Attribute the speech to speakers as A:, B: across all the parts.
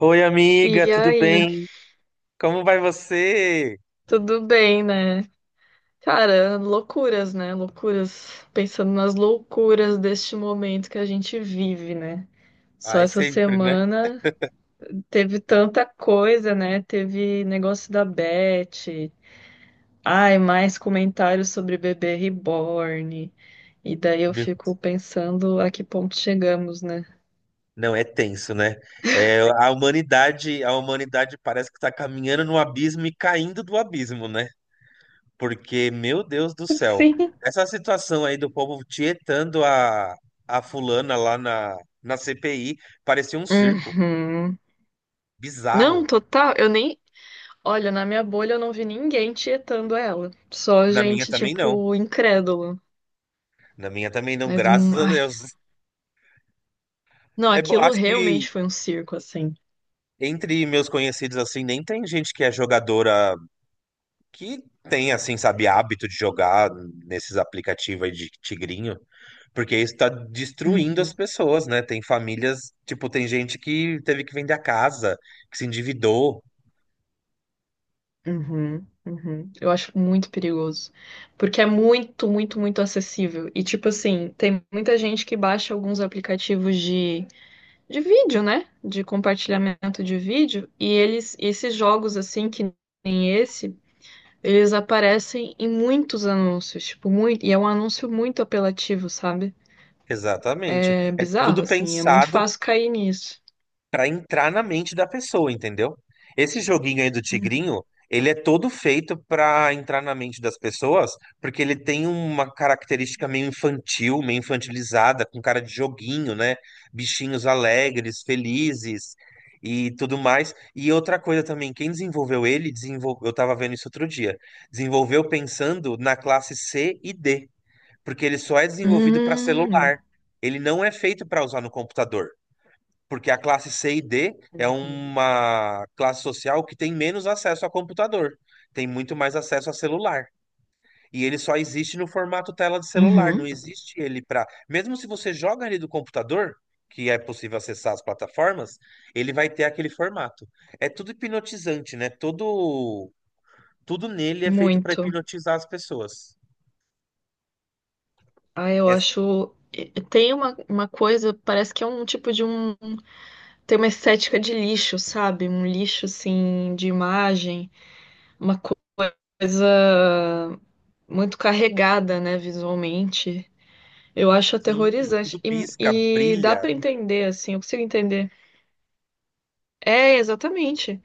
A: Oi, amiga,
B: E
A: tudo
B: aí,
A: bem? Como vai você?
B: tudo bem, né? Cara, loucuras, né? Loucuras. Pensando nas loucuras deste momento que a gente vive, né? Só
A: Ai,
B: essa
A: sempre, né?
B: semana teve tanta coisa, né? Teve negócio da Beth. Ai, mais comentários sobre bebê reborn. E daí eu
A: Meu,
B: fico pensando a que ponto chegamos, né?
A: não, é tenso, né? É, a humanidade parece que está caminhando no abismo e caindo do abismo, né? Porque, meu Deus do céu,
B: Sim.
A: essa situação aí do povo tietando a fulana lá na CPI parecia um circo
B: Uhum. Não,
A: bizarro.
B: total. Eu nem. Olha, na minha bolha eu não vi ninguém tietando ela. Só
A: Na minha
B: gente,
A: também não.
B: tipo, incrédula.
A: Na minha também não,
B: Mas,
A: graças a
B: ai.
A: Deus.
B: Não,
A: É, bom,
B: aquilo
A: acho que
B: realmente foi um circo, assim.
A: entre meus conhecidos, assim, nem tem gente que é jogadora que tem, assim, sabe, hábito de jogar nesses aplicativos aí de tigrinho, porque isso tá destruindo as
B: Uhum,
A: pessoas, né? Tem famílias, tipo, tem gente que teve que vender a casa, que se endividou.
B: uhum, uhum. Eu acho muito perigoso. Porque é muito, muito, muito acessível. E, tipo assim, tem muita gente que baixa alguns aplicativos de vídeo, né? De compartilhamento de vídeo. E eles, esses jogos, assim, que nem esse. Eles aparecem em muitos anúncios, tipo, muito, e é um anúncio muito apelativo, sabe?
A: Exatamente.
B: É
A: É tudo
B: bizarro, assim, é muito
A: pensado
B: fácil cair nisso.
A: pra entrar na mente da pessoa, entendeu? Esse joguinho aí do
B: Uhum.
A: Tigrinho, ele é todo feito pra entrar na mente das pessoas, porque ele tem uma característica meio infantil, meio infantilizada, com cara de joguinho, né? Bichinhos alegres, felizes e tudo mais. E outra coisa também, quem desenvolveu ele, desenvolveu, eu tava vendo isso outro dia, desenvolveu pensando na classe C e D, porque ele só é desenvolvido para
B: Hum.
A: celular. Ele não é feito para usar no computador porque a classe C e D é
B: Uhum.
A: uma classe social que tem menos acesso a computador, tem muito mais acesso a celular. E ele só existe no formato tela de celular, não
B: Uhum.
A: existe ele para. Mesmo se você joga ali do computador, que é possível acessar as plataformas, ele vai ter aquele formato. É tudo hipnotizante, né? Todo, tudo nele é feito para
B: Muito.
A: hipnotizar as pessoas.
B: Ah, eu
A: É
B: acho. Tem uma coisa, parece que é um tipo de um. Tem uma estética de lixo, sabe? Um lixo, assim, de imagem. Uma coisa muito carregada, né, visualmente. Eu acho
A: sim,
B: aterrorizante.
A: tudo pisca,
B: E dá
A: brilha.
B: pra entender, assim, eu consigo entender. É, exatamente.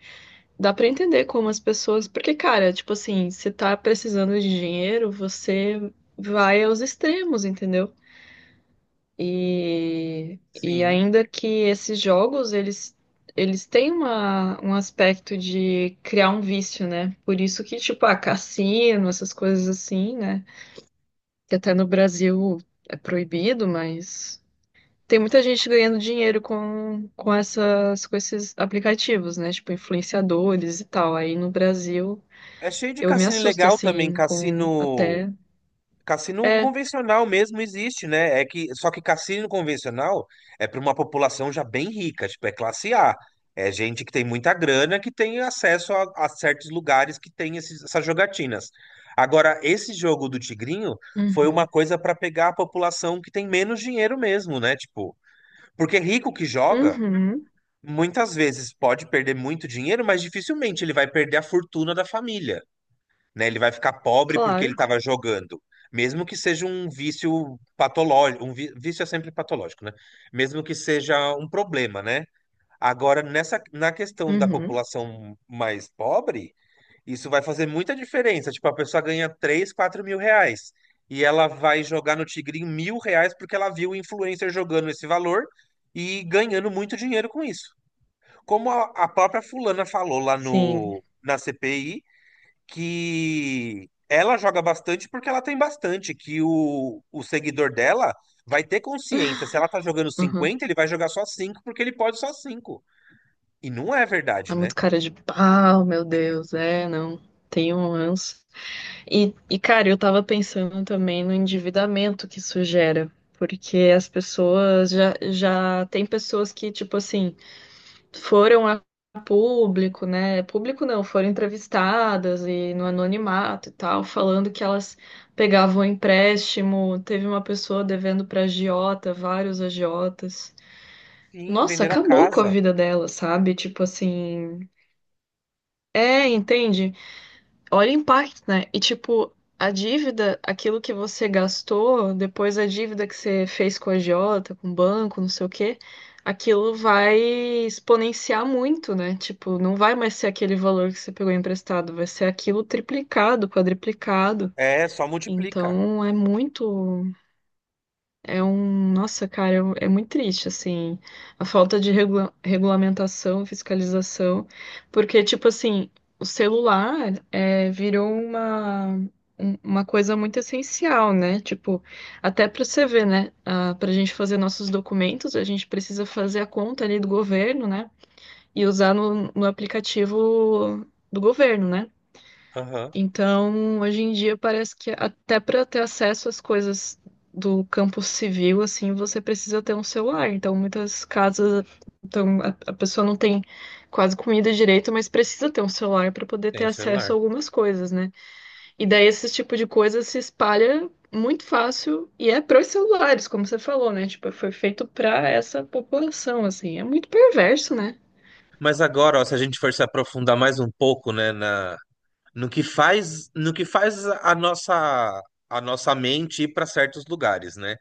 B: Dá pra entender como as pessoas. Porque, cara, tipo assim, se tá precisando de dinheiro, você vai aos extremos, entendeu? E
A: Sim.
B: ainda que esses jogos, eles têm um aspecto de criar um vício, né? Por isso que, tipo, ah, cassino, essas coisas assim, né? Que até no Brasil é proibido, mas. Tem muita gente ganhando dinheiro com esses aplicativos, né? Tipo, influenciadores e tal. Aí no Brasil,
A: É cheio de
B: eu me
A: cassino
B: assusto,
A: legal também,
B: assim, com
A: cassino.
B: até.
A: Cassino
B: É.
A: convencional mesmo existe, né? É que só que cassino convencional é para uma população já bem rica, tipo, é classe A. É gente que tem muita grana que tem acesso a certos lugares que tem essas jogatinas. Agora, esse jogo do Tigrinho foi uma
B: Uhum.
A: coisa para pegar a população que tem menos dinheiro mesmo, né? Tipo, porque rico que joga,
B: Uhum.
A: muitas vezes pode perder muito dinheiro, mas dificilmente ele vai perder a fortuna da família, né? Ele vai ficar pobre porque ele
B: Claro.
A: estava jogando. Mesmo que seja um vício patológico, um vício é sempre patológico, né? Mesmo que seja um problema, né? Agora, nessa, na questão da
B: Uhum.
A: população mais pobre, isso vai fazer muita diferença. Tipo, a pessoa ganha 3, 4 mil reais e ela vai jogar no Tigrinho 1 mil reais porque ela viu o influencer jogando esse valor e ganhando muito dinheiro com isso. Como a própria fulana falou lá
B: Sim.
A: no, na CPI, que ela joga bastante porque ela tem bastante, que o seguidor dela vai ter consciência. Se ela tá jogando
B: Uhum.
A: 50, ele vai jogar só 5 porque ele pode só cinco. E não é
B: É
A: verdade, né?
B: muito cara de pau, meu Deus. É, não. Tenho um ranço. E, cara, eu tava pensando também no endividamento que isso gera. Porque as pessoas já tem pessoas que, tipo assim, foram a público, né? Público não, foram entrevistadas e no anonimato e tal, falando que elas pegavam empréstimo. Teve uma pessoa devendo para agiota, vários agiotas.
A: Sim,
B: Nossa,
A: vender a
B: acabou com a
A: casa.
B: vida dela, sabe? Tipo assim, é, entende? Olha o impacto, né? E tipo, a dívida, aquilo que você gastou, depois a dívida que você fez com a agiota, com o banco, não sei o quê, aquilo vai exponenciar muito, né? Tipo, não vai mais ser aquele valor que você pegou emprestado, vai ser aquilo triplicado, quadriplicado.
A: É, só multiplica.
B: Então é muito, é um, nossa, cara, é muito triste, assim, a falta de regulamentação, fiscalização, porque, tipo assim, o celular é, virou uma coisa muito essencial, né? Tipo, até pra você ver, né? Ah, pra gente fazer nossos documentos, a gente precisa fazer a conta ali do governo, né? E usar no aplicativo do governo, né?
A: Aham,
B: Então, hoje em dia parece que até para ter acesso às coisas do campo civil, assim, você precisa ter um celular. Então, muitas casas, então a pessoa não tem quase comida direito, mas precisa ter um celular para poder
A: tem
B: ter
A: o celular.
B: acesso a algumas coisas, né? E daí esse tipo de coisa se espalha muito fácil e é pros celulares, como você falou, né? Tipo, foi feito para essa população, assim. É muito perverso, né?
A: Mas agora, ó, se a gente for se aprofundar mais um pouco, né, na, no que faz, no que faz a nossa mente ir para certos lugares, né?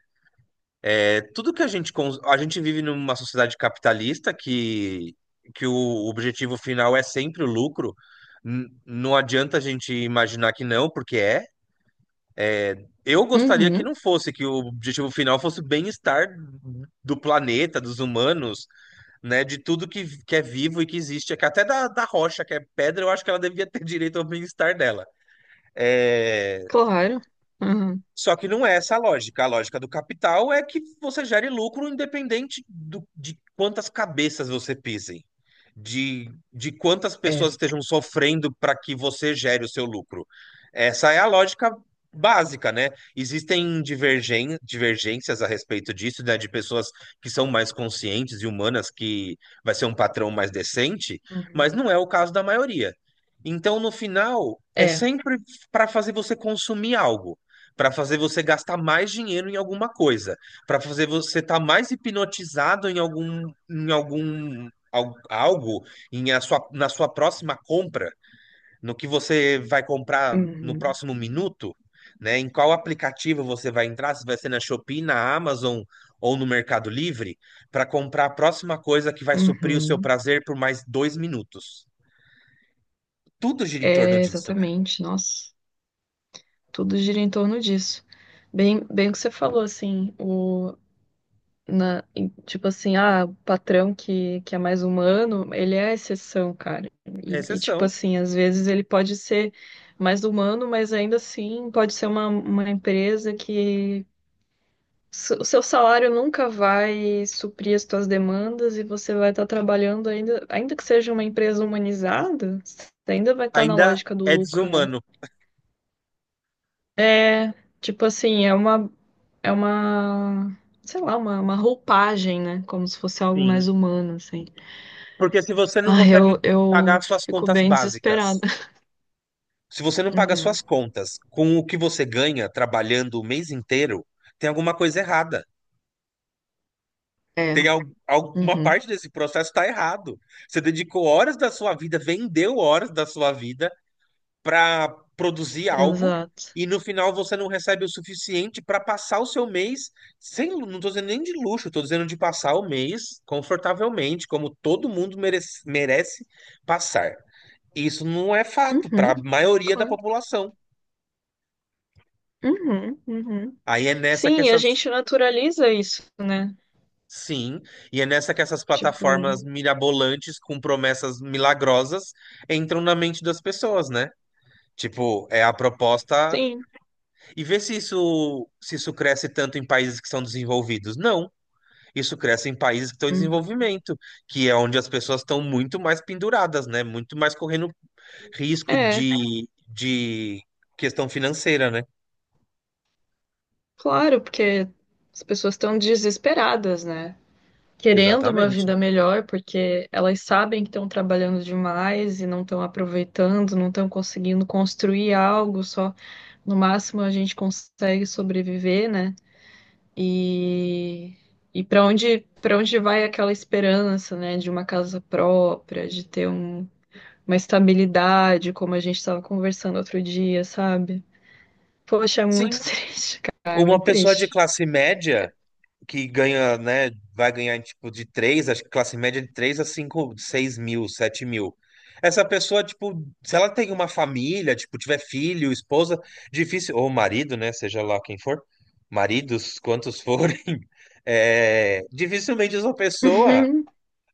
A: É, tudo que a gente vive numa sociedade capitalista que o objetivo final é sempre o lucro. Não adianta a gente imaginar que não, porque é. É, eu gostaria que
B: Uhum,
A: não fosse, que o objetivo final fosse o bem-estar do planeta, dos humanos, né, de tudo que é vivo e que existe, que até da, da rocha, que é pedra, eu acho que ela devia ter direito ao bem-estar dela.
B: claro. Uhum.
A: Só que não é essa a lógica. A lógica do capital é que você gere lucro independente de quantas cabeças você pisem, de quantas
B: É.
A: pessoas estejam sofrendo para que você gere o seu lucro. Essa é a lógica básica, né? Existem divergências a respeito disso, né? De pessoas que são mais conscientes e humanas, que vai ser um patrão mais decente, mas
B: Uhum.
A: não é o caso da maioria. Então, no final, é
B: É.
A: sempre para fazer você consumir algo, para fazer você gastar mais dinheiro em alguma coisa, para fazer você estar mais hipnotizado em algum, em algo, em a sua, na sua próxima compra, no que você vai comprar no
B: Uhum.
A: próximo minuto, né? Em qual aplicativo você vai entrar, se vai ser na Shopee, na Amazon ou no Mercado Livre, para comprar a próxima coisa que vai suprir o seu
B: Uhum.
A: prazer por mais dois minutos. Tudo gira em torno
B: É,
A: disso, né?
B: exatamente. Nossa, tudo gira em torno disso. Bem, bem o que você falou, assim, tipo assim, ah, o patrão que é mais humano, ele é a exceção, cara.
A: É
B: E, tipo
A: exceção.
B: assim, às vezes ele pode ser mais humano, mas ainda assim pode ser uma, empresa que o seu salário nunca vai suprir as suas demandas e você vai estar trabalhando ainda, ainda que seja uma empresa humanizada, você ainda vai estar na
A: Ainda
B: lógica do
A: é
B: lucro, né?
A: desumano.
B: É, tipo assim, é uma, sei lá, uma roupagem, né? Como se fosse algo
A: Sim.
B: mais humano, assim.
A: Porque se você não
B: Ah,
A: consegue
B: eu
A: pagar suas
B: fico
A: contas
B: bem desesperada.
A: básicas, se você não paga
B: Uhum.
A: suas contas com o que você ganha trabalhando o mês inteiro, tem alguma coisa errada.
B: É,
A: Tem alguma
B: uhum.
A: parte desse processo está errado. Você dedicou horas da sua vida, vendeu horas da sua vida para produzir algo
B: Exato.
A: e no final você não recebe o suficiente para passar o seu mês sem, não estou dizendo nem de luxo, estou dizendo de passar o mês confortavelmente, como todo mundo merece passar. Isso não é fato para
B: Uhum.
A: a maioria da
B: Claro.
A: população.
B: Uhum, uhum.
A: Aí é nessa que
B: Sim, a
A: essas.
B: gente naturaliza isso, né?
A: Sim, e é nessa que essas
B: Tipo,
A: plataformas mirabolantes com promessas milagrosas entram na mente das pessoas, né? Tipo, é a proposta.
B: sim.
A: E vê se isso cresce tanto em países que são desenvolvidos. Não. Isso cresce em países que estão em
B: Uhum.
A: desenvolvimento, que é onde as pessoas estão muito mais penduradas, né? Muito mais correndo risco
B: É,
A: de questão financeira, né?
B: claro, porque as pessoas estão desesperadas, né? Querendo uma
A: Exatamente.
B: vida melhor, porque elas sabem que estão trabalhando demais e não estão aproveitando, não estão conseguindo construir algo, só no máximo a gente consegue sobreviver, né? E, e para onde vai aquela esperança, né, de uma casa própria, de ter uma estabilidade, como a gente estava conversando outro dia, sabe? Poxa, é
A: Sim,
B: muito triste, cara, é
A: uma
B: muito
A: pessoa de
B: triste.
A: classe média que ganha, né, vai ganhar tipo de três, acho que classe média de 3 a 5, 6 mil, 7 mil. Essa pessoa, tipo, se ela tem uma família, tipo, tiver filho, esposa, difícil, ou marido, né, seja lá quem for, maridos, quantos forem, é, dificilmente essa pessoa
B: Uhum,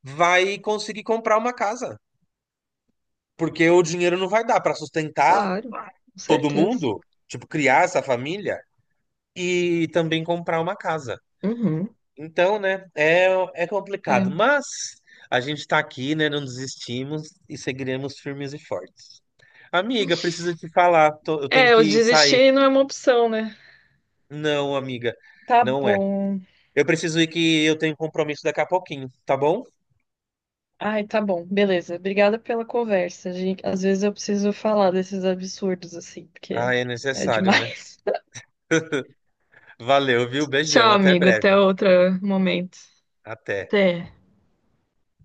A: vai conseguir comprar uma casa, porque o dinheiro não vai dar para sustentar
B: claro, com
A: todo
B: certeza.
A: mundo, tipo, criar essa família e também comprar uma casa.
B: Uhum.
A: Então, né, é, é complicado,
B: É,
A: mas a gente está aqui, né, não desistimos e seguiremos firmes e fortes. Amiga, preciso te falar, eu tenho
B: é, eu
A: que sair.
B: desistir não é uma opção, né?
A: Não, amiga,
B: Tá
A: não é.
B: bom.
A: Eu preciso ir que eu tenho compromisso daqui a pouquinho, tá bom?
B: Ai, tá bom. Beleza. Obrigada pela conversa. Gente, às vezes eu preciso falar desses absurdos assim,
A: Ah,
B: porque
A: é
B: é
A: necessário, né?
B: demais.
A: Valeu, viu? Beijão,
B: Tchau,
A: até
B: amigo. Até
A: breve.
B: outro momento.
A: Até.
B: Até.